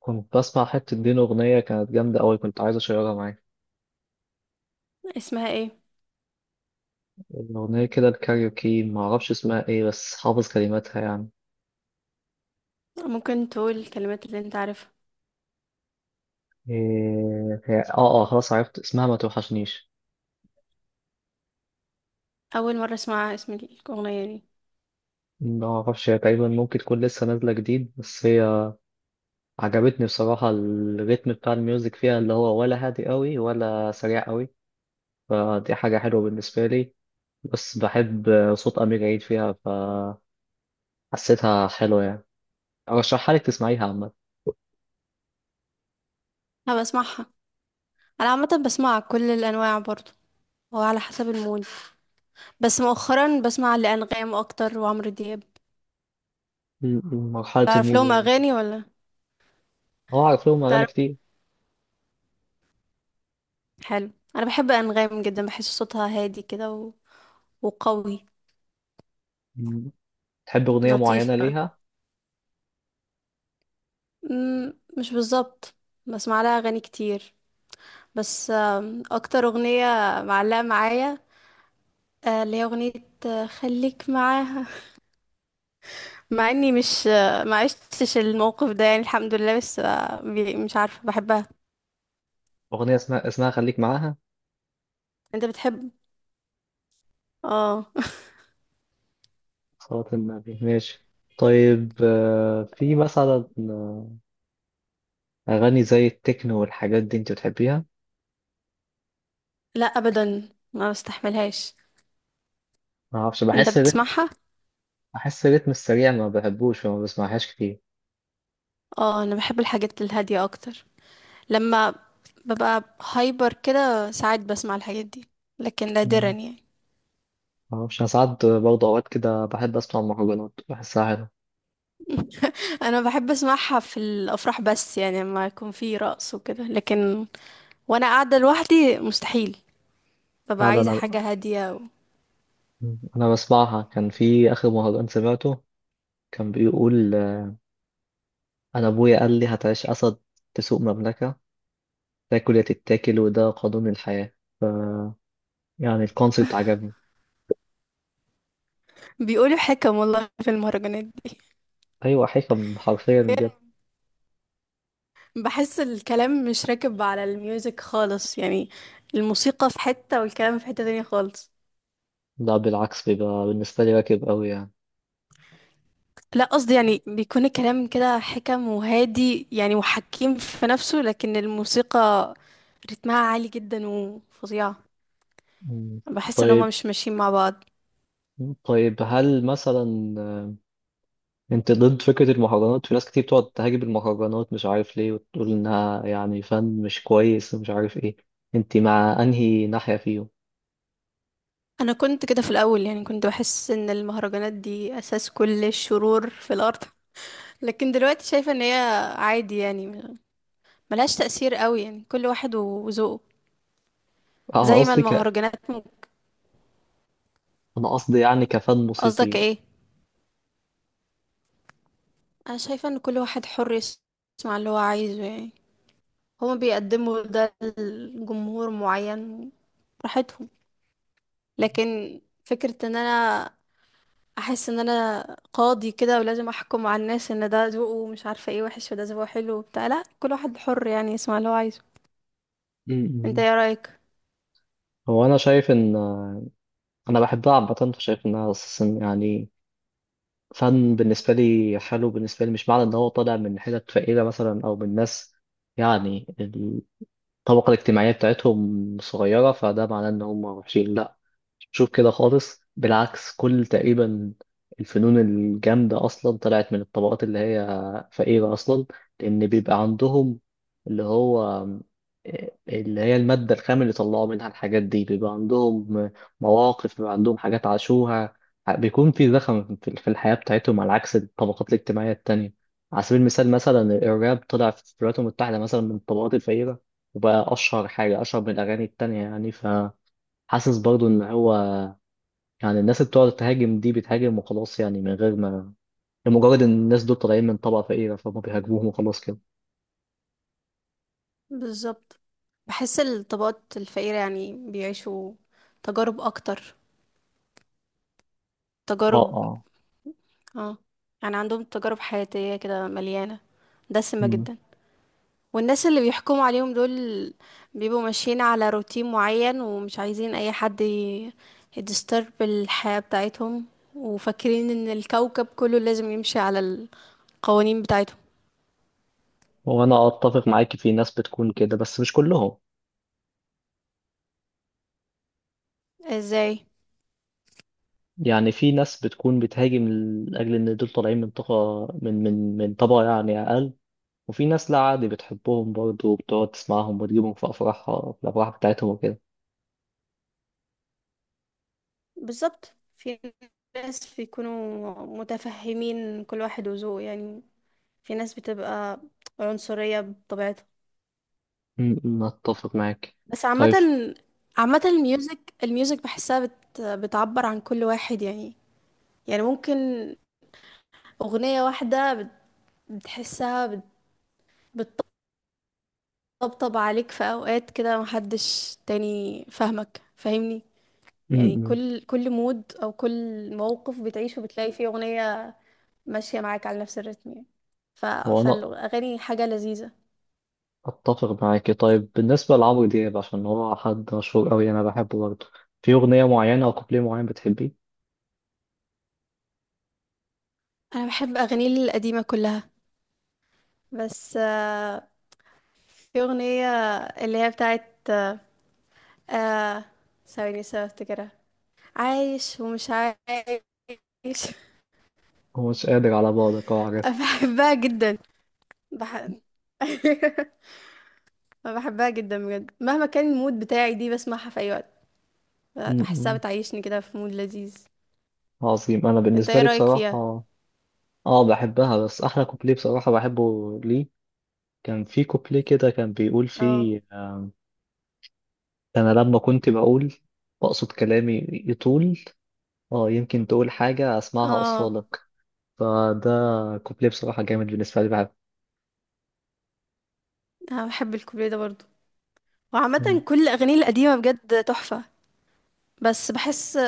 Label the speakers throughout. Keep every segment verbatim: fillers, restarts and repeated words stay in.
Speaker 1: كنت بسمع حتة دين أغنية كانت جامدة أوي، كنت عايز أشيرها معاك.
Speaker 2: اسمها ايه؟
Speaker 1: الأغنية كده الكاريوكي، معرفش اسمها إيه بس حافظ كلماتها يعني.
Speaker 2: ممكن تقول الكلمات اللي انت عارفها؟
Speaker 1: إيه هي؟ آه آه، خلاص عرفت اسمها، ما توحشنيش.
Speaker 2: اول مره اسمع اسم الاغنيه دي.
Speaker 1: معرفش، هي تقريبا ممكن تكون لسه نازلة جديد، بس هي عجبتني بصراحة. الريتم بتاع الميوزك فيها اللي هو ولا هادي أوي ولا سريع أوي، فدي حاجة حلوة بالنسبة لي. بس بحب صوت أمير عيد فيها، فحسيتها حلوة يعني. أرشحها لك تسمعيها عامة.
Speaker 2: انا بسمعها. انا عامه بسمع كل الانواع برضو. هو على حسب المود. بس مؤخرا بسمع لانغام اكتر وعمرو دياب.
Speaker 1: م- م- مرحلة
Speaker 2: تعرف لهم
Speaker 1: الموج.
Speaker 2: اغاني ولا؟
Speaker 1: هو عارف لهم أغاني
Speaker 2: تعرف؟
Speaker 1: كتير.
Speaker 2: حلو. انا بحب انغام جدا، بحس صوتها هادي كده و... وقوي.
Speaker 1: مم. تحب أغنية معينة
Speaker 2: لطيف بقى.
Speaker 1: ليها؟
Speaker 2: مم، مش بالظبط. بسمع لها اغاني كتير. بس آم، اكتر اغنيه معلقه معايا، آه، اللي هي اغنيه آه، خليك معاها. مع اني مش، ما عشتش الموقف ده، يعني الحمد لله، بس آه، بي- مش عارفة بحبها.
Speaker 1: أغنية اسمها اسمها خليك معاها.
Speaker 2: انت بتحب؟ اه.
Speaker 1: صلاة النبي ماشي. طيب، آه، في مثلا أغاني زي التكنو والحاجات دي، أنت بتحبيها؟
Speaker 2: لا ابدا ما بستحملهاش.
Speaker 1: معرفش،
Speaker 2: انت
Speaker 1: بحس الريتم،
Speaker 2: بتسمعها؟
Speaker 1: بحس الريتم السريع ما بحبوش فما بسمعهاش كتير.
Speaker 2: اه، انا بحب الحاجات الهادية اكتر. لما ببقى هايبر كده ساعات بسمع الحاجات دي، لكن نادرا
Speaker 1: مم.
Speaker 2: يعني.
Speaker 1: معرفش، أنا ساعات برضه أوقات كده بحب أسمع مهرجانات، بحسها حلوة.
Speaker 2: انا بحب اسمعها في الافراح، بس يعني لما يكون في رقص وكده، لكن وانا قاعدة لوحدي مستحيل. ببقى
Speaker 1: لا لا
Speaker 2: عايزة
Speaker 1: أنا.
Speaker 2: حاجة هادية و...
Speaker 1: مم. أنا بسمعها. كان في آخر مهرجان سمعته كان بيقول آه، أنا أبويا قال لي هتعيش أسد، تسوق مملكة، تاكل يا تتاكل وده قانون الحياة. ف يعني الكونسيبت عجبني.
Speaker 2: بيقولوا حكم والله في المهرجانات دي.
Speaker 1: أيوة، حكم حرفيا بجد.
Speaker 2: بحس الكلام مش راكب على الميوزك خالص يعني، الموسيقى في حتة والكلام في حتة تانية خالص.
Speaker 1: لا بالعكس، بيبقى بالنسبة لي راكب أوي يعني.
Speaker 2: لا، قصدي يعني بيكون الكلام كده حكم وهادي يعني وحكيم في نفسه، لكن الموسيقى رتمها عالي جدا وفظيعة.
Speaker 1: مم.
Speaker 2: بحس ان هما
Speaker 1: طيب،
Speaker 2: مش ماشيين مع بعض.
Speaker 1: طيب هل مثلا آه، أنت ضد فكرة المهرجانات؟ في ناس كتير بتقعد تهاجم المهرجانات مش عارف ليه، وتقول إنها يعني فن مش كويس ومش عارف إيه. أنت مع أنهي ناحية فيهم؟
Speaker 2: انا كنت كده في الاول، يعني كنت بحس ان المهرجانات دي اساس كل الشرور في الارض. لكن دلوقتي شايفة ان هي عادي يعني، ملهاش تأثير قوي، يعني كل واحد وذوقه.
Speaker 1: أنا
Speaker 2: زي ما
Speaker 1: قصدي ك...
Speaker 2: المهرجانات،
Speaker 1: أنا قصدي يعني كفن
Speaker 2: قصدك
Speaker 1: موسيقي.
Speaker 2: ايه؟ انا شايفه ان كل واحد حر يس- يسمع اللي هو عايزه يعني. هما بيقدموا ده لجمهور معين، براحتهم. لكن فكره ان انا احس ان انا قاضي كده ولازم احكم على الناس ان ده ذوقه مش عارفه ايه وحش وده ذوقه حلو وبتاع، لا، كل واحد حر يعني يسمع اللي هو عايزه. انت
Speaker 1: مم.
Speaker 2: ايه رايك؟
Speaker 1: هو أنا شايف إن آه، أنا بحبها عامة، فشايف إنها أساسا يعني فن بالنسبة لي. حلو بالنسبة لي، مش معنى إن هو طالع من حتت فقيرة مثلا، أو من ناس يعني الطبقة الاجتماعية بتاعتهم صغيرة، فده معناه إن هم وحشين؟ لأ. شوف كده خالص، بالعكس، كل تقريبا الفنون الجامدة أصلا طلعت من الطبقات اللي هي فقيرة أصلا، لأن بيبقى عندهم اللي هو آه، اللي هي المادة الخام اللي طلعوا منها الحاجات دي. بيبقى عندهم مواقف، بيبقى عندهم حاجات عاشوها، بيكون في زخم في في الحياة بتاعتهم، على عكس الطبقات الاجتماعية التانية. على سبيل المثال، مثلا الراب طلع في الولايات المتحدة مثلا من الطبقات الفقيرة، وبقى أشهر حاجة، أشهر من الأغاني التانية يعني. فحاسس برضو إن هو يعني الناس اللي بتقعد تهاجم دي بتهاجم وخلاص يعني، من غير ما، لمجرد ان الناس دول طالعين من طبقة فقيرة فهم بيهاجموهم وخلاص كده.
Speaker 2: بالظبط. بحس الطبقات الفقيره يعني بيعيشوا تجارب اكتر،
Speaker 1: اه
Speaker 2: تجارب.
Speaker 1: اه.
Speaker 2: اه. يعني عندهم تجارب حياتيه كده مليانه، دسمه
Speaker 1: مم.
Speaker 2: جدا. والناس اللي بيحكموا عليهم دول بيبقوا ماشيين على روتين معين، ومش عايزين اي حد يدسترب الحياة بتاعتهم، وفاكرين ان الكوكب كله لازم يمشي على القوانين بتاعتهم.
Speaker 1: وانا اتفق معاك، في ناس بتكون كده بس مش كلهم.
Speaker 2: ازاي؟
Speaker 1: يعني في ناس بتكون بتهاجم لاجل ان دول طالعين من طبقة من من من طبقة يعني اقل، وفي ناس لا عادي بتحبهم برضه وبتقعد تسمعهم وتجيبهم في افراحها، في الافراح بتاعتهم وكده.
Speaker 2: بالظبط. في ناس بيكونوا متفهمين كل واحد وذوقه يعني، في ناس بتبقى عنصرية بطبيعتها.
Speaker 1: مم، مم، اتفق معاك.
Speaker 2: بس عامة،
Speaker 1: طيب.
Speaker 2: عامة الميوزك الميوزك بحسها بت... بتعبر عن كل واحد يعني. يعني ممكن أغنية واحدة بت- بتحسها بت- بتطبطب عليك في أوقات كده محدش تاني فاهمك فاهمني.
Speaker 1: مم،
Speaker 2: يعني
Speaker 1: مم.
Speaker 2: كل كل مود أو كل موقف بتعيشه بتلاقي فيه أغنية ماشية معاك على نفس الريتم يعني. ف...
Speaker 1: وانا
Speaker 2: فالأغاني حاجة لذيذة.
Speaker 1: اتفق معاكي. طيب، بالنسبه لعمرو دياب، عشان هو حد مشهور قوي، انا بحبه برضه. في اغنيه معينه او كوبليه معين بتحبيه؟
Speaker 2: أنا بحب أغاني القديمة كلها، بس آه، في أغنية اللي هي بتاعت آه ثواني بس افتكرها، عايش ومش عايش.
Speaker 1: هو مش قادر على بعدك، اه عارف.
Speaker 2: بحبها جدا. بح... أنا بحبها جدا بجد، مهما كان المود بتاعي دي بسمعها في اي وقت.
Speaker 1: م-
Speaker 2: بحسها
Speaker 1: م.
Speaker 2: بتعيشني كده في مود لذيذ.
Speaker 1: عظيم. انا
Speaker 2: انت
Speaker 1: بالنسبه
Speaker 2: ايه
Speaker 1: لي
Speaker 2: رأيك فيها؟
Speaker 1: بصراحه، اه بحبها، بس احلى كوبليه بصراحه بحبه ليه، كان في كوبليه كده كان بيقول
Speaker 2: اه،
Speaker 1: فيه آه، انا لما كنت بقول بقصد كلامي يطول، اه يمكن تقول حاجه اسمعها
Speaker 2: اه،
Speaker 1: اصفالك. فده كوبليه بصراحه جامد بالنسبه لي، بحبه.
Speaker 2: انا بحب الكوبليه ده برضو،
Speaker 1: م.
Speaker 2: وعامة كل الاغاني القديمة بجد تحفة. بس بحس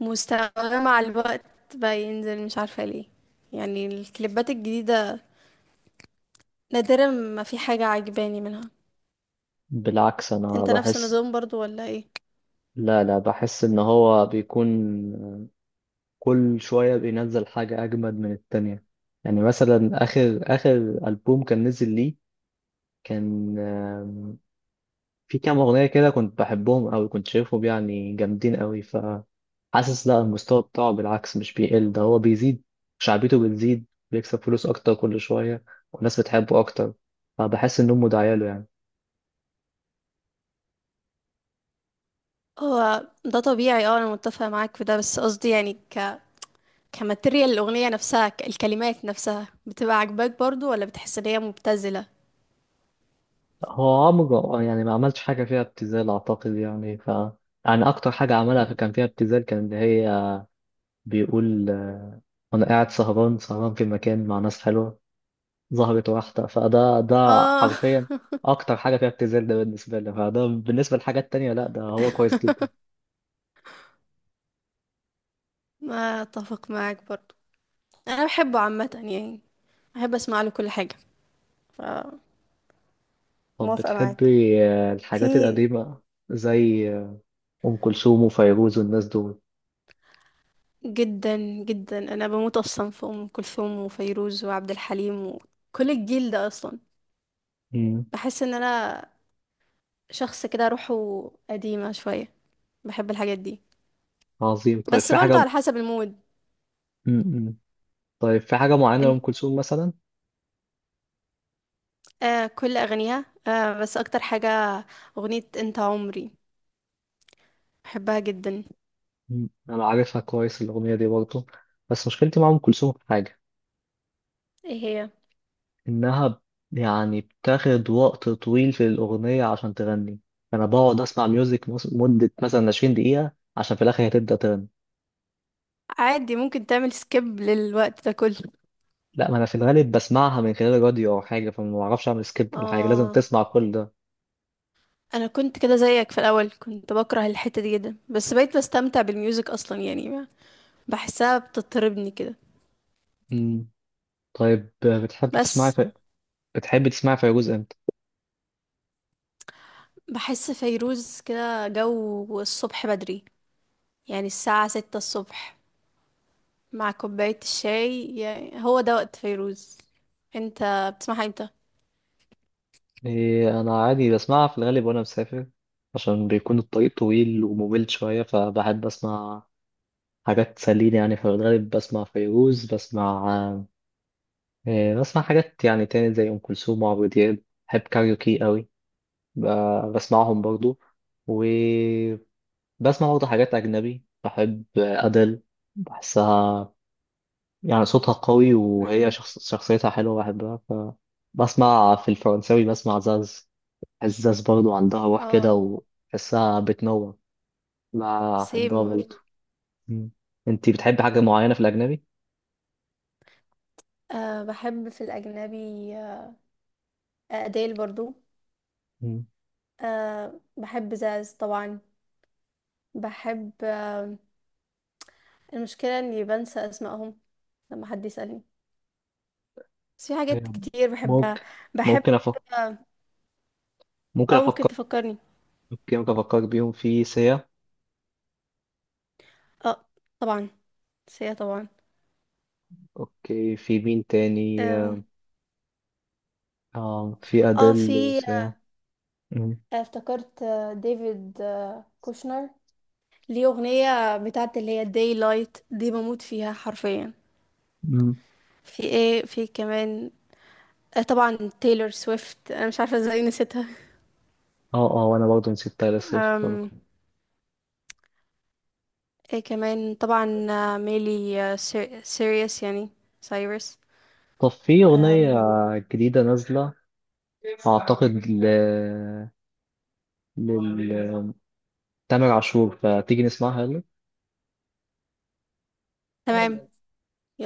Speaker 2: مستواها مع الوقت بقى ينزل، مش عارفة ليه. يعني الكليبات الجديدة نادرا ما في حاجة عجباني منها.
Speaker 1: بالعكس انا
Speaker 2: انت نفس
Speaker 1: بحس.
Speaker 2: النظام برضو ولا ايه؟
Speaker 1: لا، لا بحس ان هو بيكون كل شوية بينزل حاجة اجمد من التانية. يعني مثلا اخر اخر ألبوم كان نزل ليه، كان آم، في كام اغنية كده كنت بحبهم اوي، كنت شايفهم يعني جامدين اوي. فحاسس لا، المستوى بتاعه بالعكس مش بيقل، ده هو بيزيد. شعبيته بتزيد، بيكسب فلوس اكتر كل شوية، والناس بتحبه اكتر، فبحس انهم داعية له يعني.
Speaker 2: هو ده طبيعي، اه، انا متفقة معاك في ده، بس قصدي يعني كماتيريال الأغنية نفسها ك- الكلمات نفسها بتبقى عاجباك برضو ولا بتحس إن هي مبتذلة؟
Speaker 1: هو عمره يعني ما عملش حاجة فيها ابتذال أعتقد، يعني ف يعني أكتر حاجة عملها في كان فيها ابتذال، كان إن هي بيقول آه، وأنا قاعد سهران سهران في مكان مع ناس حلوة ظهرت واحدة فده ده،
Speaker 2: اه.
Speaker 1: حرفيا. أكتر حاجة فيها ابتذال ده بالنسبة لي، فده بالنسبة للحاجات التانية لأ، ده هو كويس جدا.
Speaker 2: ما اتفق معاك برضو. انا بحبه عامه يعني، بحب اسمع له كل حاجه. ف
Speaker 1: طب
Speaker 2: موافقة معاك.
Speaker 1: بتحبي آه،
Speaker 2: في
Speaker 1: الحاجات القديمة زي آه، أم كلثوم وفيروز والناس دول؟
Speaker 2: جدا. جدا، انا بموت اصلا في ام كلثوم وفيروز وعبد الحليم وكل الجيل ده اصلا.
Speaker 1: مم.
Speaker 2: بحس ان انا شخص كده روحه قديمه شويه، بحب الحاجات دي.
Speaker 1: عظيم. طيب
Speaker 2: بس
Speaker 1: في
Speaker 2: برضو
Speaker 1: حاجة.
Speaker 2: على حسب المود.
Speaker 1: مم. مم. طيب في حاجة معينة لأم كلثوم مثلا؟
Speaker 2: آه، كل أغانيها، آه بس أكتر حاجة أغنية أنت عمري، بحبها جدا.
Speaker 1: مم. انا عارفها كويس الاغنيه دي برضه. بس مشكلتي مع ام كلثوم في حاجه،
Speaker 2: ايه هي؟
Speaker 1: انها ب- يعني بتاخد وقت طويل في الاغنيه عشان تغني. انا بقعد اسمع ميوزك مس- مده مثلا عشرين دقيقة دقيقه عشان في الاخر هي تبدا تغني.
Speaker 2: عادي، ممكن تعمل سكيب للوقت ده كله.
Speaker 1: لا، ما انا في الغالب بسمعها من خلال الراديو او حاجه، فما بعرفش اعمل سكيب ولا حاجه، لازم
Speaker 2: آه.
Speaker 1: تسمع كل ده.
Speaker 2: أنا كنت كده زيك في الأول، كنت بكره الحتة دي جدا، بس بقيت بستمتع بالميوزك أصلا يعني، بحسها بتطربني كده.
Speaker 1: مم. طيب بتحب تسمعي
Speaker 2: بس
Speaker 1: في... بتحب تسمعي فيروز امتى؟
Speaker 2: بحس فيروز كده جو الصبح بدري، يعني الساعة ستة الصبح مع كوباية الشاي، يعني هو ده وقت فيروز. انت بتسمعها امتى؟
Speaker 1: إيه، انا عادي بسمعها في الغالب وانا مسافر، عشان بيكون الطريق طويل وممل شويه، فبحب اسمع حاجات تسليني يعني. في الغالب بسمع فيروز، بسمع، آه، بسمع حاجات يعني تاني زي أم كلثوم وعمرو دياب. بحب كاريوكي قوي، ب- بسمعهم برضو. وبسمع برضو حاجات أجنبي، بحب أدل. بحسها يعني صوتها قوي، وهي
Speaker 2: مم.
Speaker 1: شخص شخصيتها حلوة، بحبها. فبسمع في الفرنساوي، بسمع زاز. بحس زاز برضو عندها روح كده
Speaker 2: اه.
Speaker 1: وبحسها بتنور، بحبها
Speaker 2: سيمور.
Speaker 1: برضو. مم. انتي بتحبي حاجة معينة في الأجنبي؟
Speaker 2: أه، بحب في الأجنبي، آه، أديل برضو، أه بحب زاز طبعا. بحب أه المشكلة إني بنسى أسمائهم لما حد يسألني، بس في حاجات كتير بحبها.
Speaker 1: ممكن.
Speaker 2: بحب
Speaker 1: ممكن أفكر
Speaker 2: اه،
Speaker 1: ممكن
Speaker 2: آه، ممكن
Speaker 1: أفكر
Speaker 2: تفكرني؟
Speaker 1: أوكي، ممكن أفكر بيهم في سيا.
Speaker 2: اه، طبعا سيا طبعا.
Speaker 1: أوكي، في مين تاني؟
Speaker 2: اه،
Speaker 1: آه، في
Speaker 2: آه،
Speaker 1: أديل
Speaker 2: في
Speaker 1: وسيا. مم.
Speaker 2: آه، افتكرت، آه، ديفيد آه، كوشنر، ليه أغنية بتاعت اللي هي داي لايت دي بموت فيها حرفيا.
Speaker 1: مم.
Speaker 2: في ايه؟ في كمان، آه، طبعا تايلور سويفت، انا مش عارفه ازاي نسيتها.
Speaker 1: اه اه، وأنا برضه نسيت تايلر سويفت برضه.
Speaker 2: أم... ايه كمان؟ طبعا آه، ميلي آه، سير... سيريس يعني، سايرس.
Speaker 1: طب في أغنية
Speaker 2: أم...
Speaker 1: جديدة نازلة، أعتقد ل... لل تامر عاشور، فتيجي نسمعها.
Speaker 2: تمام.